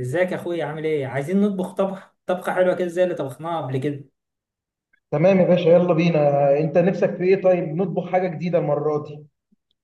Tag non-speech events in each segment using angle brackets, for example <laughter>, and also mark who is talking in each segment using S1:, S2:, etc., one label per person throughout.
S1: ازيك يا اخويا، عامل ايه؟ عايزين نطبخ طبخ طبخه حلوه كده زي اللي طبخناها قبل كده.
S2: تمام يا باشا، يلا بينا. انت نفسك في ايه؟ طيب نطبخ حاجه جديده المره دي.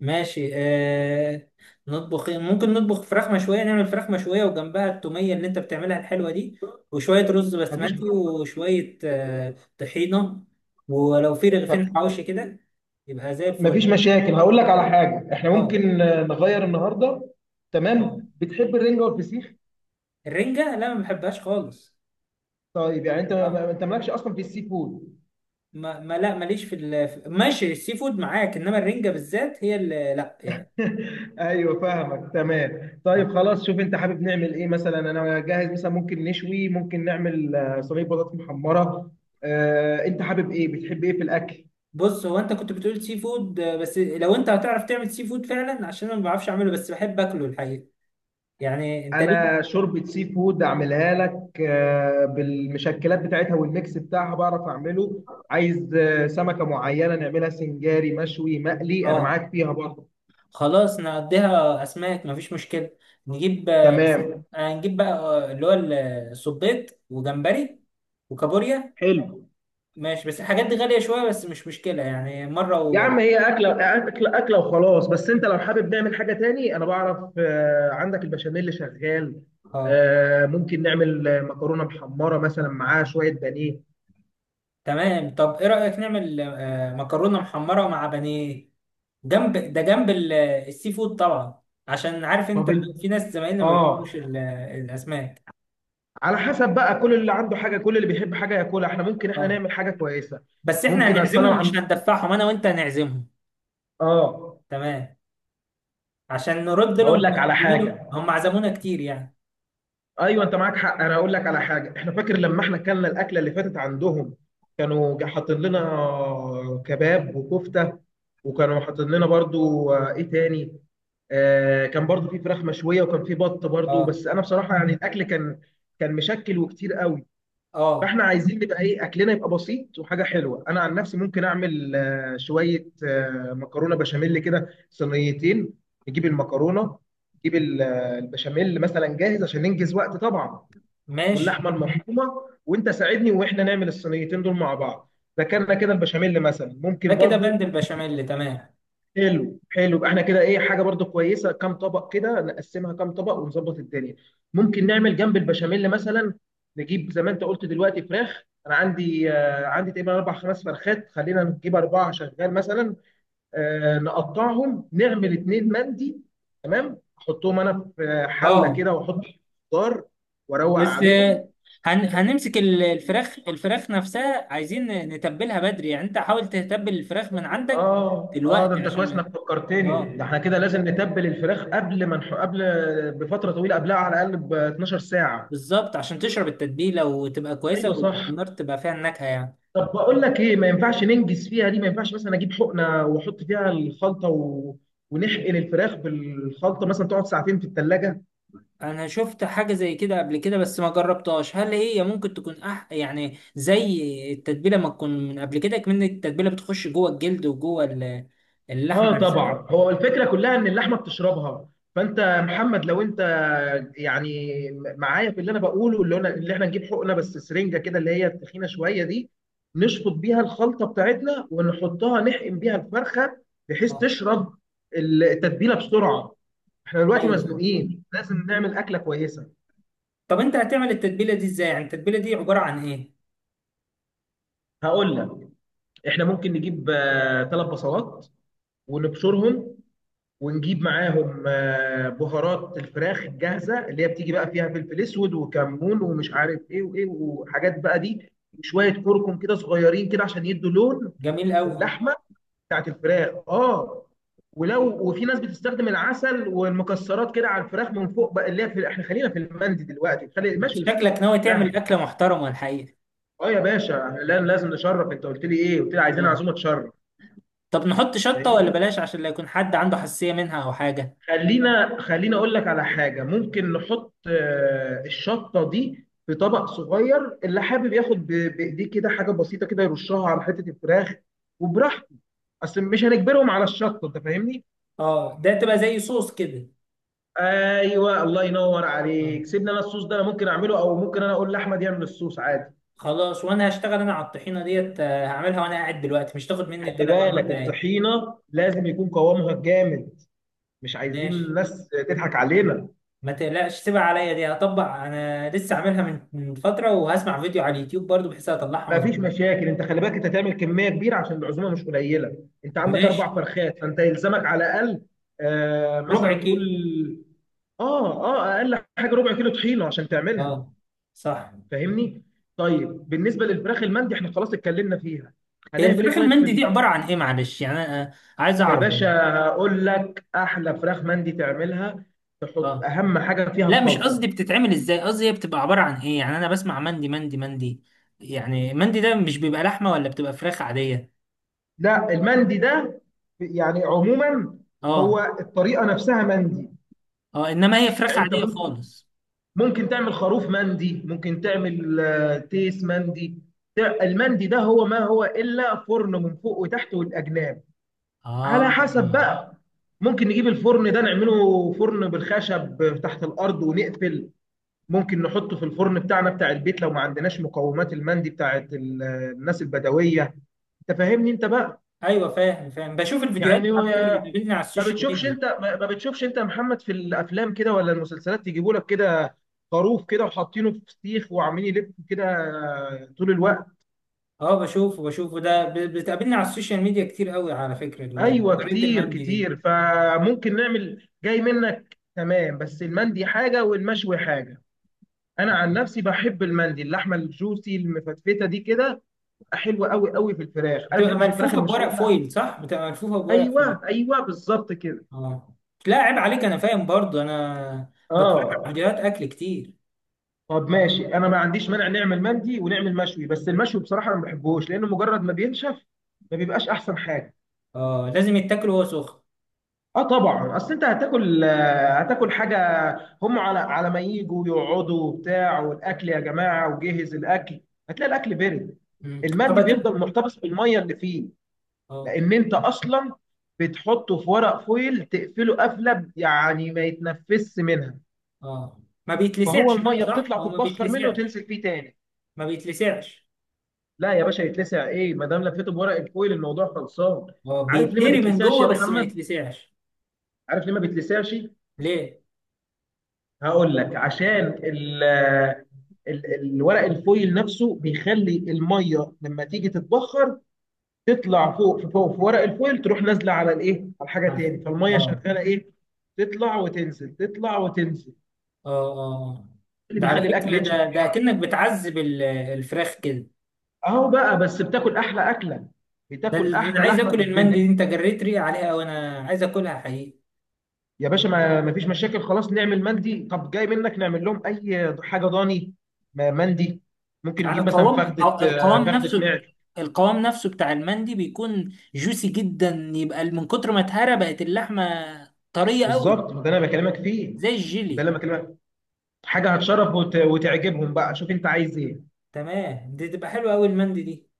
S1: ماشي. نطبخ إيه؟ ممكن نطبخ فراخ مشويه، نعمل فراخ مشويه وجنبها التوميه اللي انت بتعملها الحلوه دي، وشويه رز
S2: مفيش
S1: بسمتي، وشويه طحينه. ولو في رغيفين حواوشي كده يبقى زي الفل.
S2: مفيش مشاكل. هقول لك على حاجه، احنا
S1: اه.
S2: ممكن نغير النهارده.
S1: اه،
S2: تمام. بتحب الرنجه والفسيخ؟
S1: الرنجه لا، ما بحبهاش خالص.
S2: طيب يعني انت
S1: اه.
S2: انت مالكش اصلا في السي فود؟
S1: ما لا، ماليش ماشي، السي فود معاك، انما الرنجه بالذات هي اللي لا يعني.
S2: <laughs> ايوه، فاهمك. تمام
S1: اه.
S2: طيب، خلاص شوف انت حابب نعمل ايه. مثلا انا جاهز، مثلا ممكن نشوي، ممكن نعمل صينيه بطاطس محمره. انت حابب ايه؟ بتحب ايه في الاكل؟
S1: بص، هو انت كنت بتقول سي فود، بس لو انت هتعرف تعمل سي فود فعلا، عشان انا ما بعرفش اعمله بس بحب اكله الحقيقه. يعني انت
S2: انا
S1: ليه؟
S2: شوربه سي فود اعملها لك بالمشكلات بتاعتها والميكس بتاعها، بعرف اعمله. عايز سمكه معينه نعملها سنجاري، مشوي، مقلي، انا
S1: اه،
S2: معاك فيها برضه.
S1: خلاص نقضيها اسماك، مفيش مشكله. نجيب آه،
S2: تمام.
S1: هنجيب بقى، اللي هو الصبيط وجمبري وكابوريا.
S2: حلو.
S1: ماشي، بس الحاجات دي غاليه شويه، بس مش مشكله يعني مره
S2: يا عم هي اكله اكله اكله وخلاص. بس انت لو حابب نعمل حاجه تاني، انا بعرف. عندك البشاميل اللي شغال،
S1: اه،
S2: ممكن نعمل مكرونه محمره مثلا معاها شويه بانيه.
S1: تمام. طب ايه رأيك نعمل، مكرونة محمرة مع بانيه جنب ده، جنب السي فود طبعا، عشان عارف انت
S2: طب انت.
S1: في ناس زمايلنا ما بيحبوش
S2: اه،
S1: الاسماك.
S2: على حسب بقى كل اللي عنده حاجه، كل اللي بيحب حاجه ياكلها. احنا ممكن احنا
S1: اه،
S2: نعمل حاجه كويسه.
S1: بس احنا
S2: ممكن اصل انا
S1: هنعزمهم مش
S2: عن.
S1: هندفعهم، انا وانت هنعزمهم.
S2: اه.
S1: تمام، عشان نرد
S2: هقول
S1: لهم
S2: لك على
S1: يميلوا،
S2: حاجه.
S1: هم عزمونا كتير يعني.
S2: ايوه، انت معاك حق. انا هقول لك على حاجه. احنا فاكر لما احنا اكلنا الاكله اللي فاتت عندهم؟ كانوا حاطين لنا كباب وكفته، وكانوا حاطين لنا برضو ايه تاني، آه كان برضو في فراخ مشويه، وكان في بط برضو.
S1: اه.
S2: بس انا بصراحه يعني الاكل كان، كان مشكل وكتير قوي.
S1: اه،
S2: فاحنا عايزين يبقى ايه، اكلنا يبقى بسيط وحاجه حلوه. انا عن نفسي ممكن اعمل شويه مكرونه بشاميل كده، صينيتين. نجيب المكرونه، نجيب البشاميل مثلا جاهز عشان ننجز وقت طبعا،
S1: ماشي.
S2: واللحمه المفرومه، وانت ساعدني واحنا نعمل الصينيتين دول مع بعض. ذكرنا كده البشاميل، مثلا
S1: ده
S2: ممكن
S1: كده بند
S2: برضو.
S1: البشاميل، تمام.
S2: حلو حلو. يبقى احنا كده ايه، حاجه برضو كويسه. كام طبق كده نقسمها؟ كام طبق ونظبط الدنيا؟ ممكن نعمل جنب البشاميل مثلا، نجيب زي ما انت قلت دلوقتي فراخ. انا عندي آه عندي تقريبا اربع خمس فرخات. خلينا نجيب اربعه شغال مثلا، آه نقطعهم، نعمل اتنين مندي. تمام احطهم انا في حله
S1: اه،
S2: كده واحط خضار واروق
S1: بس
S2: عليهم.
S1: هنمسك الفراخ نفسها، عايزين نتبلها بدري، يعني انت حاول تتبل الفراخ من عندك
S2: اه اه، ده
S1: دلوقتي
S2: انت
S1: عشان
S2: كويس انك فكرتني.
S1: اه،
S2: ده احنا كده لازم نتبل الفراخ قبل ما نح... قبل بفتره طويله، قبلها على الاقل ب 12 ساعه.
S1: بالظبط، عشان تشرب التتبيله وتبقى
S2: ايوه
S1: كويسه،
S2: صح.
S1: وعلى النار تبقى فيها النكهه يعني.
S2: طب بقول لك ايه، ما ينفعش ننجز فيها دي؟ ما ينفعش مثلا اجيب حقنه واحط فيها الخلطه ونحقن الفراخ بالخلطه، مثلا تقعد ساعتين في الثلاجه.
S1: انا شفت حاجه زي كده قبل كده بس ما جربتهاش، هل هي ممكن تكون يعني زي التتبيله، ما تكون من قبل كده، كمان التتبيله بتخش جوه الجلد وجوه اللحمه
S2: اه طبعا،
S1: نفسها.
S2: هو الفكره كلها ان اللحمه بتشربها. فانت يا محمد لو انت يعني معايا في اللي انا بقوله، اللي انا اللي احنا نجيب حقنه، بس سرنجه كده اللي هي التخينه شويه دي، نشفط بيها الخلطه بتاعتنا ونحطها، نحقن بيها الفرخه بحيث
S1: اه،
S2: تشرب التتبيله بسرعه. احنا دلوقتي
S1: ايوه فاهم.
S2: مزنوقين لازم نعمل اكله كويسه.
S1: طب انت هتعمل التتبيله دي ازاي؟ يعني التتبيله دي عباره عن ايه؟
S2: هقول لك. احنا ممكن نجيب ثلاث بصلات ونبشرهم، ونجيب معاهم بهارات الفراخ الجاهزه اللي هي بتيجي بقى فيها فلفل اسود وكمون ومش عارف ايه وايه وحاجات بقى دي، وشويه كركم كده صغيرين كده عشان يدوا لون
S1: جميل قوي.
S2: للحمه بتاعت الفراخ. اه. ولو وفي ناس بتستخدم العسل والمكسرات كده على الفراخ من فوق بقى، اللي هي في احنا خلينا في المندي دلوقتي، خلي ماشي.
S1: شكلك ناوي تعمل أكلة محترمة الحقيقة.
S2: اه يا باشا، لا لازم نشرف. انت قلت لي ايه؟ قلت لي عايزين
S1: اه،
S2: عزومه تشرف.
S1: طب نحط شطة ولا
S2: فاهمني؟
S1: بلاش عشان لا يكون حد عنده حساسية منها أو حاجة؟
S2: خلينا اقول لك على حاجه، ممكن نحط الشطه دي في طبق صغير، اللي حابب ياخد بايديه كده حاجه بسيطه كده يرشها على حته الفراخ وبراحته. اصل مش هنجبرهم على الشطه، انت فاهمني.
S1: اه، ده تبقى زي صوص كده.
S2: ايوه، الله ينور
S1: اه
S2: عليك. سيبنا، انا الصوص ده انا ممكن اعمله، او ممكن انا اقول لاحمد يعمل الصوص عادي.
S1: خلاص، وأنا هشتغل أنا على الطحينة ديت، هعملها وأنا قاعد دلوقتي، مش تاخد مني
S2: خلي
S1: 3 4
S2: بالك
S1: دقايق.
S2: الطحينه لازم يكون قوامها جامد، مش عايزين
S1: ماشي،
S2: الناس تضحك علينا.
S1: ما تقلقش، سيبها عليا، دي هطبق أنا لسه عاملها من فترة، وهسمع فيديو على اليوتيوب برضو بحيث أطلعها
S2: ما فيش
S1: مظبوط.
S2: مشاكل. انت خلي بالك انت تعمل كميه كبيره عشان العزومه مش قليله. انت عندك اربع
S1: ماشي.
S2: فرخات، فانت يلزمك على الاقل
S1: ربع
S2: مثلا نقول.
S1: كيلو.
S2: اه اه، اقل حاجه ربع كيلو طحينه عشان تعملها.
S1: اه، صح.
S2: فاهمني؟ طيب بالنسبه للفراخ المندي احنا خلاص اتكلمنا فيها.
S1: هي
S2: هنعمل ايه
S1: الفراخ
S2: طيب في
S1: المندي دي عبارة عن إيه؟ معلش يعني أنا، عايز
S2: يا
S1: أعرف.
S2: باشا هقول لك. احلى فراخ مندي تعملها، تحط
S1: اه،
S2: اهم حاجه فيها
S1: لا مش قصدي
S2: الخلطه.
S1: بتتعمل ازاي، قصدي هي بتبقى عبارة عن ايه؟ يعني انا بسمع مندي مندي مندي، يعني مندي ده مش بيبقى لحمة ولا بتبقى فراخ عادية؟
S2: لا المندي ده يعني عموما
S1: اه.
S2: هو الطريقه نفسها مندي.
S1: اه، انما هي فراخ
S2: يعني انت
S1: عادية
S2: ممكن،
S1: خالص.
S2: ممكن تعمل خروف مندي، ممكن تعمل تيس مندي. المندي ده هو ما هو إلا فرن من فوق وتحت والأجناب، على حسب
S1: اه،
S2: بقى. ممكن نجيب الفرن ده نعمله فرن بالخشب تحت الأرض ونقفل، ممكن نحطه في الفرن بتاعنا بتاع البيت لو ما عندناش مقومات المندي بتاعت الناس البدوية. انت فاهمني انت بقى؟
S1: ايوه فاهم فاهم، بشوف الفيديوهات
S2: يعني
S1: على فكرة،
S2: ما
S1: بتقابلني على السوشيال
S2: بتشوفش
S1: ميديا.
S2: انت، ما بتشوفش انت يا محمد في الافلام كده ولا المسلسلات يجيبوا لك كده خروف كده وحاطينه في سيخ وعاملين يلف كده طول الوقت؟
S1: اه، بشوفه بشوفه، ده بتقابلني على السوشيال ميديا كتير قوي على فكرة،
S2: ايوه
S1: طريقة
S2: كتير
S1: المندي دي
S2: كتير، فممكن نعمل جاي منك. تمام بس المندي حاجه والمشوي حاجه. انا عن نفسي بحب المندي، اللحمه الجوسي المفتفته دي كده، حلوه قوي قوي في الفراخ. انا ما
S1: بتبقى
S2: بحبش الفراخ
S1: ملفوفة بورق
S2: المشويه.
S1: فويل، صح؟ بتبقى ملفوفة بورق فويل.
S2: ايوه ايوه، بالظبط كده.
S1: اه، لا عيب عليك، انا فاهم برضو، انا بتفرج على
S2: اه.
S1: فيديوهات اكل كتير.
S2: طب ماشي انا ما عنديش مانع نعمل مندي ونعمل مشوي، بس المشوي بصراحه انا ما بحبهوش لانه مجرد ما بينشف ما بيبقاش احسن حاجه.
S1: اه، لازم يتاكل وهو سخن.
S2: اه طبعا، اصل انت هتاكل هتاكل حاجه. هم على على ما يجوا يقعدوا وبتاع، والاكل يا جماعه وجهز الاكل، هتلاقي الاكل برد.
S1: مم. طب
S2: المندي
S1: اجيب.
S2: بيفضل محتفظ بالميه اللي فيه،
S1: اه.
S2: لان انت اصلا بتحطه في ورق فويل تقفله قفله، يعني ما يتنفسش منها.
S1: اه، ما
S2: فهو
S1: بيتلسعش بقى،
S2: الميه
S1: صح؟
S2: بتطلع
S1: هو ما
S2: تتبخر منه
S1: بيتلسعش.
S2: وتنزل فيه تاني.
S1: ما بيتلسعش.
S2: لا يا باشا يتلسع ايه، ما دام لفيته بورق الفويل الموضوع خلصان.
S1: اه،
S2: عارف ليه ما
S1: بيتهري من
S2: بتلسعش
S1: جوه،
S2: يا
S1: بس ما
S2: محمد؟
S1: يتلسعش.
S2: عارف ليه ما بتلسعش؟
S1: ليه؟
S2: هقول لك. عشان الورق الفويل نفسه بيخلي الميه لما تيجي تتبخر تطلع فوق، في فوق في ورق الفويل تروح نازله على الايه، على حاجه
S1: عارف.
S2: تاني. فالميه
S1: اه.
S2: شغاله ايه، تطلع وتنزل تطلع وتنزل.
S1: اه. اه،
S2: إيه اللي
S1: ده على
S2: بيخلي الاكل
S1: فكرة،
S2: ينشف يا
S1: ده
S2: محمد؟
S1: كأنك بتعذب الفراخ كده.
S2: اهو بقى. بس بتاكل احلى اكله، بتاكل
S1: ده
S2: احلى
S1: انا عايز
S2: لحمه
S1: اكل
S2: في
S1: المندي
S2: الدنيا.
S1: دي، انت جريت ريقي عليها وانا عايز اكلها حقيقي.
S2: يا باشا ما ما فيش مشاكل، خلاص نعمل مندي. طب جاي منك نعمل لهم اي حاجه ضاني، مندي. ممكن
S1: يعني
S2: نجيب مثلا
S1: القوام
S2: فخده
S1: القوام
S2: فخده
S1: نفسه،
S2: معد.
S1: القوام نفسه بتاع المندي بيكون جوسي جدا، يبقى من كتر ما اتهرى بقت اللحمة طرية قوي،
S2: بالظبط ده انا بكلمك فيه.
S1: زي
S2: ده
S1: الجيلي.
S2: اللي أنا بكلمك. حاجه هتشرف وتعجبهم بقى. شوف انت عايز ايه.
S1: تمام، دي تبقى حلوة قوي المندي دي.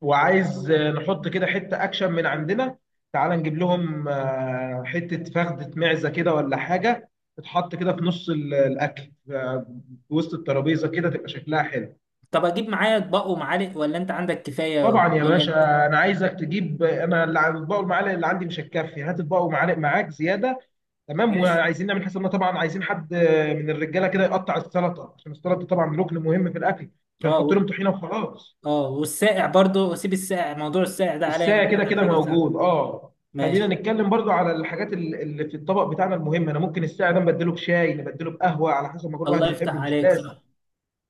S2: وعايز نحط كده حته اكشن من عندنا. تعال نجيب لهم حته فخده معزه كده ولا حاجه، تتحط كده في نص الاكل في وسط الترابيزه كده تبقى شكلها حلو.
S1: طب اجيب معايا اطباق ومعالق ولا انت عندك كفاية
S2: طبعا يا
S1: وكوبايات؟
S2: باشا انا عايزك تجيب. انا اللي الاطباق والمعالق اللي عندي مش هتكفي، هات اطباق ومعالق معاك زياده. تمام،
S1: ماشي.
S2: وعايزين نعمل حسابنا طبعا. عايزين حد من الرجاله كده يقطع السلطه، عشان السلطه طبعا ركن مهم في الاكل، مش
S1: اه
S2: هنحط لهم طحينه وخلاص.
S1: اه والساقع برضو، واسيب الساقع، موضوع الساقع ده عليا، انا
S2: الساعة
S1: اجيب
S2: كده
S1: انا
S2: كده
S1: حاجة ساقعة.
S2: موجود، اه. خلينا
S1: ماشي.
S2: نتكلم برضو على الحاجات اللي في الطبق بتاعنا المهمه. انا ممكن الساعة ده نبدله بشاي، نبدله بقهوه على حسب ما كل
S1: الله
S2: واحد يحب،
S1: يفتح
S2: مش
S1: عليك،
S2: لازم.
S1: صح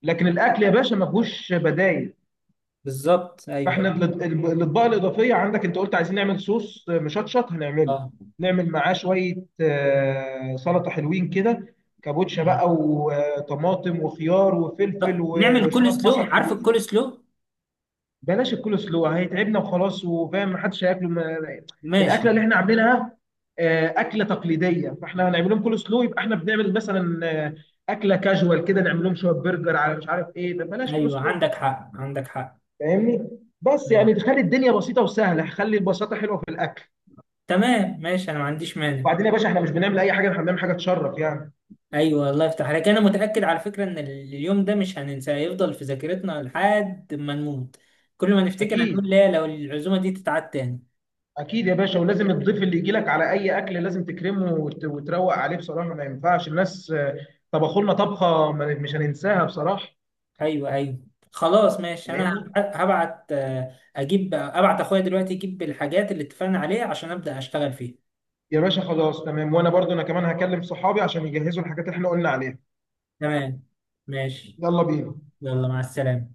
S2: لكن الاكل يا باشا ما فيهوش بدايل.
S1: بالظبط، ايوه
S2: فاحنا
S1: ايوه.
S2: الاطباق الاضافيه عندك، انت قلت عايزين نعمل صوص مشطشط هنعمله،
S1: اه،
S2: نعمل معاه شويه سلطه حلوين كده، كابوتشا بقى وطماطم وخيار وفلفل
S1: طب نعمل
S2: وشويه
S1: كول سلو،
S2: بصل
S1: عارف
S2: حلوين.
S1: الكول سلو؟
S2: بلاش الكول سلو هيتعبنا وخلاص، وفاهم محدش هياكله.
S1: ماشي.
S2: الاكله اللي احنا عاملينها اكله تقليديه. فاحنا هنعمل لهم كول سلو يبقى احنا بنعمل مثلا اكله كاجوال كده، نعمل لهم شويه برجر على مش عارف ايه. ده بلاش كول
S1: ايوه
S2: سلو.
S1: عندك حق عندك حق.
S2: فاهمني. بس
S1: اه،
S2: يعني تخلي الدنيا بسيطه وسهله، خلي البساطه حلوه في الأكل.
S1: تمام، ماشي، انا ما عنديش مانع.
S2: وبعدين يا باشا، احنا مش بنعمل اي حاجه، احنا بنعمل حاجه تشرف يعني.
S1: ايوه الله يفتح عليك، انا متاكد على فكره ان اليوم ده مش هننساه، هيفضل في ذاكرتنا لحد ما نموت. كل ما نفتكر هنقول
S2: اكيد
S1: لا لو العزومه دي تتعاد تاني.
S2: اكيد يا باشا. ولازم الضيف اللي يجي لك على اي اكل لازم تكرمه وتروق عليه بصراحه. ما ينفعش الناس طبخوا لنا طبخه مش هننساها بصراحه.
S1: ايوه ايوه، خلاص ماشي. انا
S2: فاهمني؟
S1: هبعت، اجيب، ابعت اخويا دلوقتي يجيب الحاجات اللي اتفقنا عليها عشان ابدا اشتغل فيها.
S2: يا باشا خلاص تمام. وانا برضو انا كمان هكلم صحابي عشان يجهزوا الحاجات اللي احنا قلنا عليها.
S1: تمام، ماشي.
S2: يلا بينا.
S1: يلا مع السلامه.